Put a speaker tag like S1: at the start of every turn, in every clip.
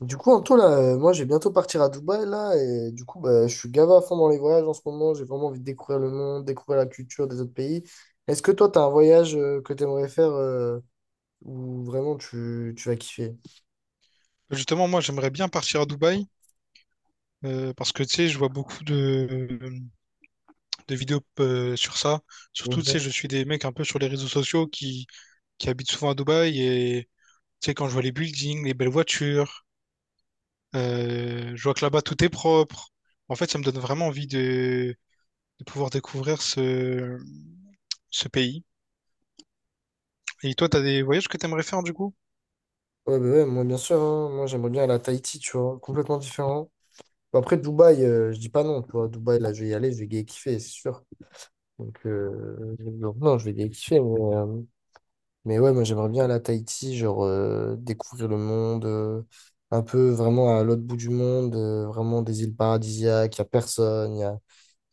S1: Du coup, Antoine, là, moi, je vais bientôt partir à Dubaï, là, et du coup, je suis gavé à fond dans les voyages en ce moment. J'ai vraiment envie de découvrir le monde, découvrir la culture des autres pays. Est-ce que toi, tu as un voyage que tu aimerais faire euh, où vraiment tu vas kiffer?
S2: Justement, moi, j'aimerais bien partir à Dubaï parce que, tu sais, je vois beaucoup de vidéos sur ça. Surtout, tu sais,
S1: Mhm.
S2: je suis des mecs un peu sur les réseaux sociaux qui habitent souvent à Dubaï et, tu sais, quand je vois les buildings, les belles voitures, je vois que là-bas, tout est propre. En fait, ça me donne vraiment envie de pouvoir découvrir ce pays. Et toi, t'as des voyages que t'aimerais faire, du coup?
S1: Ouais, bah ouais, moi, bien sûr, hein. Moi, j'aimerais bien aller à Tahiti, tu vois, complètement différent. Après, Dubaï, je dis pas non, tu vois. Dubaï, là, je vais y aller, je vais gay kiffer, c'est sûr. Donc non, je vais gay kiffer, mais, mais ouais, moi j'aimerais bien aller à Tahiti, genre découvrir le monde, un peu vraiment à l'autre bout du monde, vraiment des îles paradisiaques, il n'y a personne, il n'y a,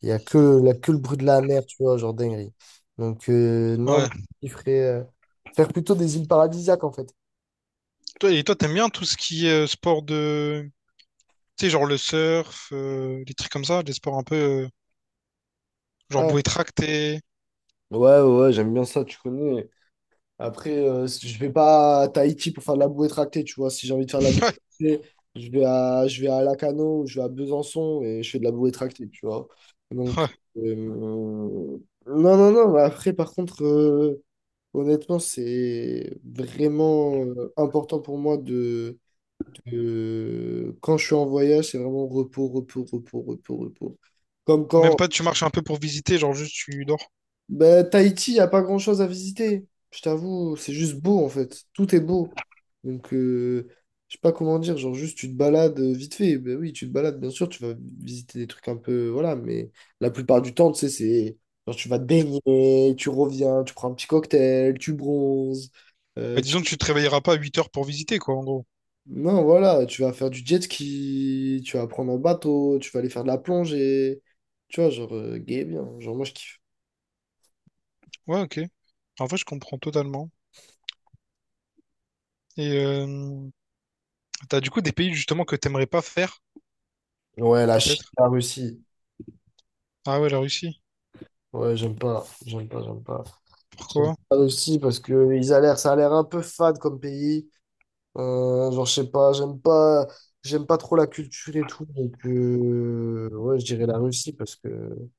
S1: y a que, la, que le bruit de la mer, tu vois, genre dinguerie. Donc non, moi,
S2: Ouais.
S1: je ferais faire plutôt des îles paradisiaques en fait.
S2: Et toi, t'aimes bien tout ce qui est sport de. Tu sais, genre le surf, les trucs comme ça, des sports un peu, genre
S1: Ah,
S2: bouée tractée.
S1: ouais, ouais, ouais, j'aime bien ça, tu connais. Après, je vais pas à Tahiti pour faire de la bouée tractée, tu vois. Si j'ai envie de faire de la bouée tractée, je vais à Lacano, ou je vais à Besançon et je fais de la bouée tractée, tu vois.
S2: Ouais,
S1: Donc,
S2: ouais.
S1: euh, non, non, non. Après, par contre, honnêtement, c'est vraiment important pour moi de, quand je suis en voyage, c'est vraiment repos, repos, repos, repos, repos. Comme
S2: Même
S1: quand,
S2: pas, tu marches un peu pour visiter, genre juste tu dors.
S1: bah, Tahiti, il a pas grand-chose à visiter. Je t'avoue, c'est juste beau en fait. Tout est beau. Donc, je sais pas comment dire, genre juste tu te balades vite fait. Ben oui, tu te balades, bien sûr, tu vas visiter des trucs un peu, voilà, mais la plupart du temps, tu sais, c'est genre tu vas te baigner, tu reviens, tu prends un petit cocktail, tu bronzes.
S2: Bah,
S1: euh, tu...
S2: disons que tu te réveilleras pas à 8 heures pour visiter, quoi, en gros.
S1: Non, voilà, tu vas faire du jet ski, tu vas prendre un bateau, tu vas aller faire de la plongée. Tu vois, genre, gay bien. Genre, moi, je kiffe.
S2: Ouais, ok. En vrai, je comprends totalement. Et t'as du coup des pays justement que t'aimerais pas faire,
S1: Ouais, la Chine,
S2: peut-être?
S1: la Russie.
S2: Ah ouais, la Russie.
S1: Ouais, j'aime pas, j'aime pas, j'aime pas. J'aime
S2: Pourquoi?
S1: pas aussi parce que ils a l'air, ça a l'air un peu fade comme pays. Genre, je sais pas, j'aime pas, j'aime pas trop la culture et tout. Donc, ouais, je dirais la Russie parce que, ouais,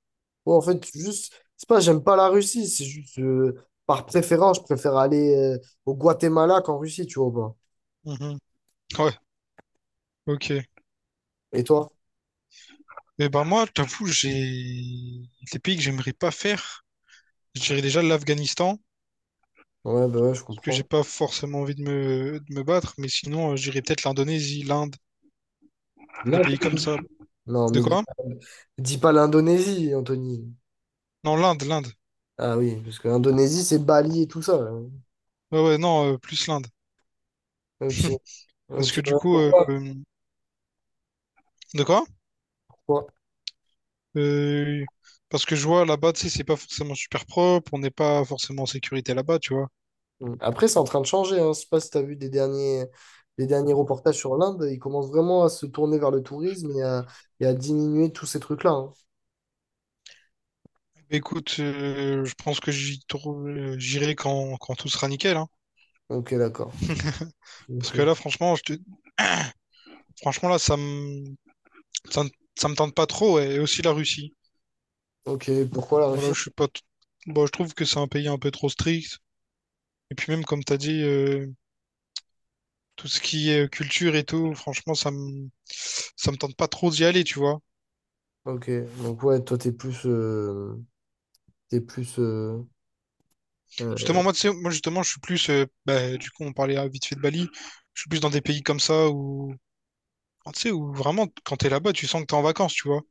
S1: en fait, juste, c'est pas, j'aime pas la Russie, c'est juste, par préférence, je préfère aller, au Guatemala qu'en Russie, tu vois, ou pas.
S2: Mhm. Ouais, ok.
S1: Et toi?
S2: Et ben moi, je t'avoue, j'ai des pays que j'aimerais pas faire. Je dirais déjà l'Afghanistan.
S1: Ouais, bah ouais, je
S2: Parce que j'ai
S1: comprends.
S2: pas forcément envie de me battre, mais sinon, j'irais peut-être l'Indonésie, l'Inde, des pays comme
S1: L'Indonésie.
S2: ça.
S1: Non,
S2: De
S1: mais
S2: quoi?
S1: dis pas l'Indonésie, Anthony.
S2: Non, l'Inde, l'Inde.
S1: Ah oui, parce que l'Indonésie, c'est Bali et tout ça. Là.
S2: Ouais, ouais, non, plus l'Inde.
S1: Ok.
S2: Parce
S1: Ok,
S2: que du
S1: ouais,
S2: coup,
S1: pourquoi,
S2: de quoi?
S1: pourquoi?
S2: Euh, parce que je vois là-bas, tu sais, c'est pas forcément super propre, on n'est pas forcément en sécurité là-bas, tu vois.
S1: Mm. Après, c'est en train de changer. Hein. Je sais pas si tu as vu des derniers, les derniers reportages sur l'Inde. Ils commencent vraiment à se tourner vers le tourisme et à diminuer tous ces trucs-là, hein.
S2: Écoute, je pense que j'irai quand tout sera nickel, hein.
S1: Ok, d'accord.
S2: Parce
S1: Ok,
S2: que là, franchement, là, ça, me ça me tente pas trop, ouais. Et aussi la Russie.
S1: ok, pourquoi la
S2: Voilà,
S1: Russie?
S2: je suis pas. Bon, je trouve que c'est un pays un peu trop strict. Et puis même, comme t'as dit, tout ce qui est culture et tout, franchement, ça me tente pas trop d'y aller, tu vois.
S1: Ok, donc ouais, toi, t'es plus euh,
S2: Justement, moi, tu sais, moi, justement, je suis plus, bah, du coup, on parlait vite fait de Bali, je suis plus dans des pays comme ça où, ah, tu sais, où vraiment, quand t'es là-bas, tu sens que t'es en vacances, tu vois.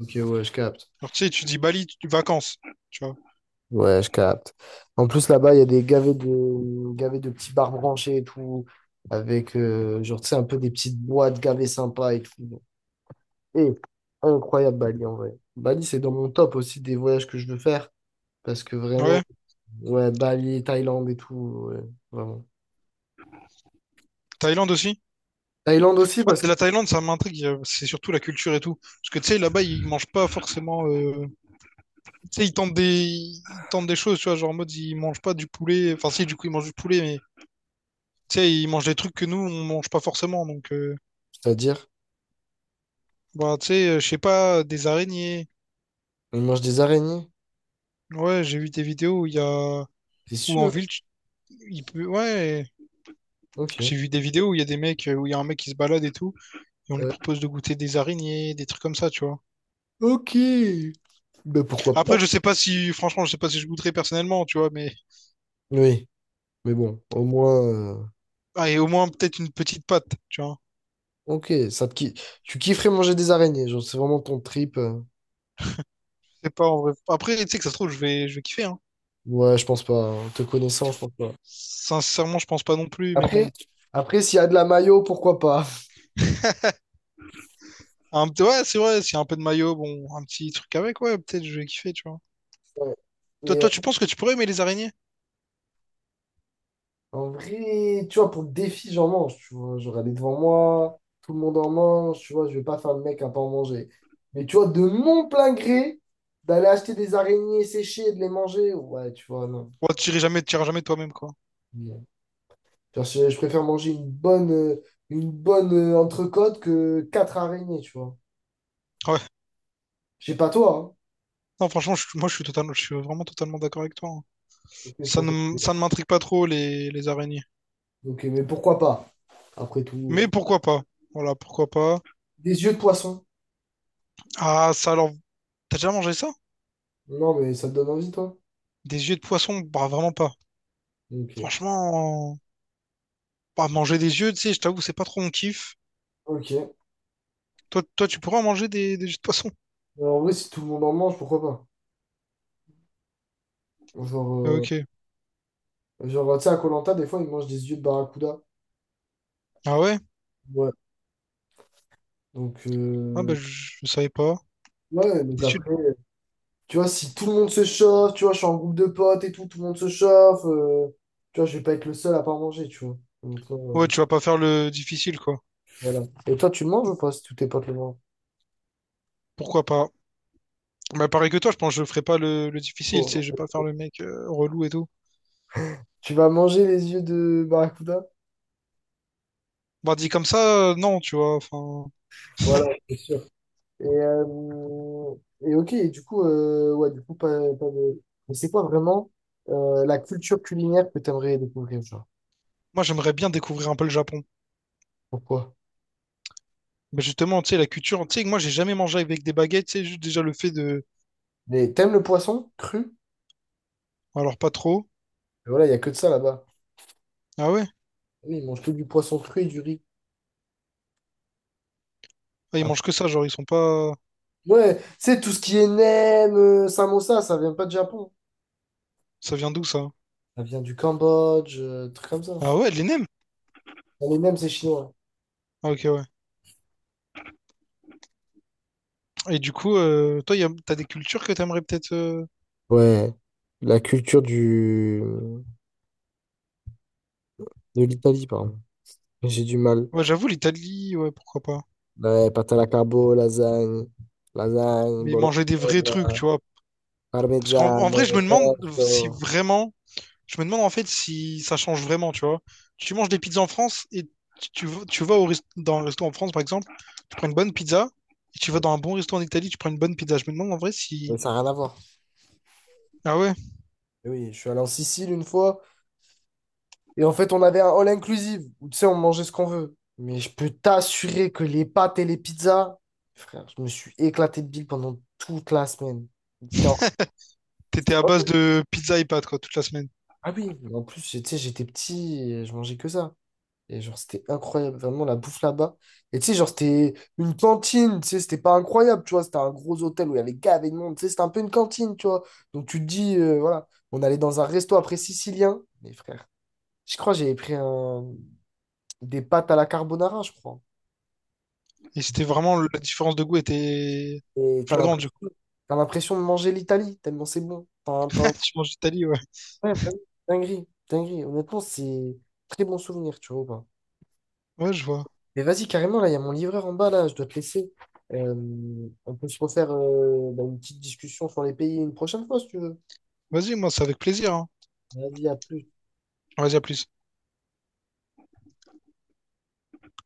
S1: ok, ouais, je capte.
S2: Genre, tu sais, tu dis Bali, vacances, tu vois.
S1: Ouais, je capte. En plus, là-bas, il y a des gavets de petits bars branchés et tout, avec, genre, tu sais, un peu des petites boîtes gavées sympas et tout. Et incroyable Bali en vrai. Bali, c'est dans mon top aussi des voyages que je veux faire. Parce que
S2: Ouais.
S1: vraiment, ouais, Bali, Thaïlande et tout, ouais, vraiment.
S2: Thaïlande aussi?
S1: Thaïlande aussi
S2: Ouais,
S1: parce que.
S2: la Thaïlande, ça m'intrigue. C'est surtout la culture et tout. Parce que tu sais, là-bas, ils mangent pas forcément. Tu sais, ils tentent des choses, tu vois. Genre en mode, ils mangent pas du poulet. Enfin, si, du coup, ils mangent du poulet, mais tu sais, ils mangent des trucs que nous, on mange pas forcément. Donc,
S1: C'est-à-dire,
S2: bah, tu sais, je sais pas, des araignées.
S1: on mange des araignées,
S2: Ouais, j'ai vu des vidéos où il y a.
S1: c'est
S2: Ou en
S1: sûr.
S2: ville, il peut. Ouais.
S1: Ok.
S2: J'ai vu des vidéos où il y a des mecs, où il y a un mec qui se balade et tout, et on lui
S1: Ouais.
S2: propose de goûter des araignées, des trucs comme ça, tu vois.
S1: Ok. Ben pourquoi pas?
S2: Après, je sais pas si, franchement, je sais pas si je goûterais personnellement, tu vois, mais
S1: Oui. Mais bon, au moins, euh,
S2: ah, et au moins peut-être une petite patte, tu vois.
S1: Ok, ça te ki- tu kifferais manger des araignées, genre c'est vraiment ton trip,
S2: Je sais pas en vrai. Après, tu sais que ça se trouve, je vais kiffer, hein.
S1: Ouais, je pense pas, hein. Te connaissant, je pense pas.
S2: Sincèrement, je pense pas non plus, mais bon.
S1: Après, après s'il y a de la mayo, pourquoi pas?
S2: Ouais, c'est vrai, s'il y a un peu de maillot, bon, un petit truc avec, ouais, peut-être je vais kiffer, tu vois.
S1: Ouais.
S2: Toi,
S1: Mais
S2: toi, tu penses que tu pourrais aimer les araignées?
S1: en vrai, tu vois, pour le défi, j'en mange, tu vois. Genre, elle est devant moi, tout le monde en mange, tu vois, je vais pas faire le mec à pas en manger. Mais tu vois, de mon plein gré, d'aller acheter des araignées séchées et de les manger, ouais, tu vois, non.
S2: Ouais, tu irais jamais, tu iras jamais toi-même, quoi.
S1: Non. Genre, je préfère manger une bonne, une bonne entrecôte que quatre araignées, tu vois.
S2: Ouais.
S1: Je sais pas toi, hein.
S2: Non, franchement, je, moi, je suis totalement, je suis vraiment totalement d'accord avec toi, hein.
S1: Ok, je
S2: Ça
S1: pense
S2: ne, m-
S1: que-
S2: ça ne m'intrigue pas trop, les araignées.
S1: ok, mais pourquoi pas? Après tout,
S2: Mais pourquoi pas? Voilà, pourquoi pas.
S1: des yeux de poisson.
S2: Ah, ça, alors, t'as déjà mangé ça?
S1: Non, mais ça te donne envie, toi?
S2: Des yeux de poisson? Bah, vraiment pas.
S1: Ok.
S2: Franchement. Pas manger des yeux, tu sais, je t'avoue, c'est pas trop mon kiff.
S1: Ok.
S2: Toi, toi, tu pourrais en manger des yeux de poisson?
S1: Alors, en vrai, si tout le monde en mange, pourquoi pas? Genre,
S2: Ah, ok.
S1: genre tu sais, à koh des fois, ils mangent des yeux de barracuda.
S2: Ah ouais?
S1: Ouais. Donc,
S2: Ah bah, je savais pas.
S1: ouais, donc
S2: Des yeux de-
S1: après, tu vois, si tout le monde se chauffe, tu vois, je suis en groupe de potes et tout, tout le monde se chauffe, tu vois, je vais pas être le seul à pas manger, tu vois. Donc, euh,
S2: Ouais,
S1: je-
S2: tu vas pas faire le difficile, quoi.
S1: voilà. Et toi, tu le manges ou pas si tous tes potes le mangent?
S2: Pourquoi pas? Bah, pareil que toi, je pense que je ferai pas le difficile, tu sais, je vais
S1: Oh.
S2: pas faire le mec relou et tout.
S1: Tu vas manger les yeux de barracuda?
S2: Bah, dit comme ça, non, tu vois, enfin.
S1: Voilà. Et, ok, et du coup, ouais, du coup, pas, pas de... Mais c'est quoi vraiment la culture culinaire que tu aimerais découvrir, genre?
S2: Moi, j'aimerais bien découvrir un peu le Japon.
S1: Pourquoi?
S2: Mais justement, tu sais, la culture, tu sais, moi, j'ai jamais mangé avec des baguettes, tu sais, juste déjà le fait de.
S1: Mais t'aimes le poisson cru?
S2: Alors, pas trop.
S1: Voilà, il y a que de ça là-bas.
S2: Ah ouais?
S1: Oui, ils mangent que du poisson cru et du riz.
S2: Ah, ils
S1: Ah,
S2: mangent que ça, genre, ils sont pas.
S1: ouais, c'est tout ce qui est nem, samosa, ça vient pas du Japon.
S2: Ça vient d'où, ça?
S1: Ça vient du Cambodge, trucs comme ça.
S2: Ah ouais, de l'ENEM?
S1: Non, les nems, c'est chinois.
S2: Ah, ok, ouais. Et du coup, toi, t'as des cultures que t'aimerais peut-être.
S1: Ouais, la culture du... de l'Italie, pardon. J'ai du mal.
S2: Ouais, j'avoue, l'Italie, ouais, pourquoi pas.
S1: Ouais, pâte à la carbo, lasagne, lasagne,
S2: Mais
S1: bolo,
S2: manger des vrais trucs, tu vois. Parce qu'en
S1: parmesan,
S2: en vrai, je me demande
S1: pesto.
S2: si vraiment. Je me demande en fait si ça change vraiment, tu vois. Tu manges des pizzas en France et tu vas dans un resto en France, par exemple, tu prends une bonne pizza. Et tu vas dans un bon resto en Italie, tu prends une bonne pizza. Je me demande en vrai
S1: Mais
S2: si.
S1: ça n'a rien à voir.
S2: Ah ouais,
S1: Et oui, je suis allé en Sicile une fois. Et en fait, on avait un all inclusive où tu sais, on mangeait ce qu'on veut. Mais je peux t'assurer que les pâtes et les pizzas, frère, je me suis éclaté de bile pendant toute la semaine. C'était en-
S2: t'étais à base
S1: c'était-
S2: de pizza et pâtes, quoi, toute la semaine.
S1: Ah oui, mais en plus, tu sais, j'étais petit et je mangeais que ça. Et genre, c'était incroyable, vraiment la bouffe là-bas. Et tu sais, genre, c'était une cantine, tu sais, c'était pas incroyable, tu vois. C'était un gros hôtel où il y avait gavé de monde, tu sais, c'était un peu une cantine, tu vois. Donc tu te dis, voilà, on allait dans un resto après sicilien. Mais frère, je crois que j'avais pris un... des pâtes à la carbonara, je crois.
S2: Et c'était vraiment. La différence de goût était
S1: Et t'as
S2: flagrante, du
S1: l'impression,
S2: coup.
S1: t'as l'impression de manger l'Italie, tellement c'est bon. T'as, t'as...
S2: Tu manges d'Italie, ouais.
S1: Ouais, vraiment, dinguerie, dinguerie. Honnêtement, c'est très bon souvenir, tu vois. Ou pas.
S2: Ouais, je vois.
S1: Mais vas-y, carrément, là, il y a mon livreur en bas, là, je dois te laisser. Euh, on peut se refaire une petite discussion sur les pays une prochaine fois, si tu veux.
S2: Vas-y, moi, c'est avec plaisir, hein.
S1: Vas-y, à plus.
S2: Vas-y, à plus.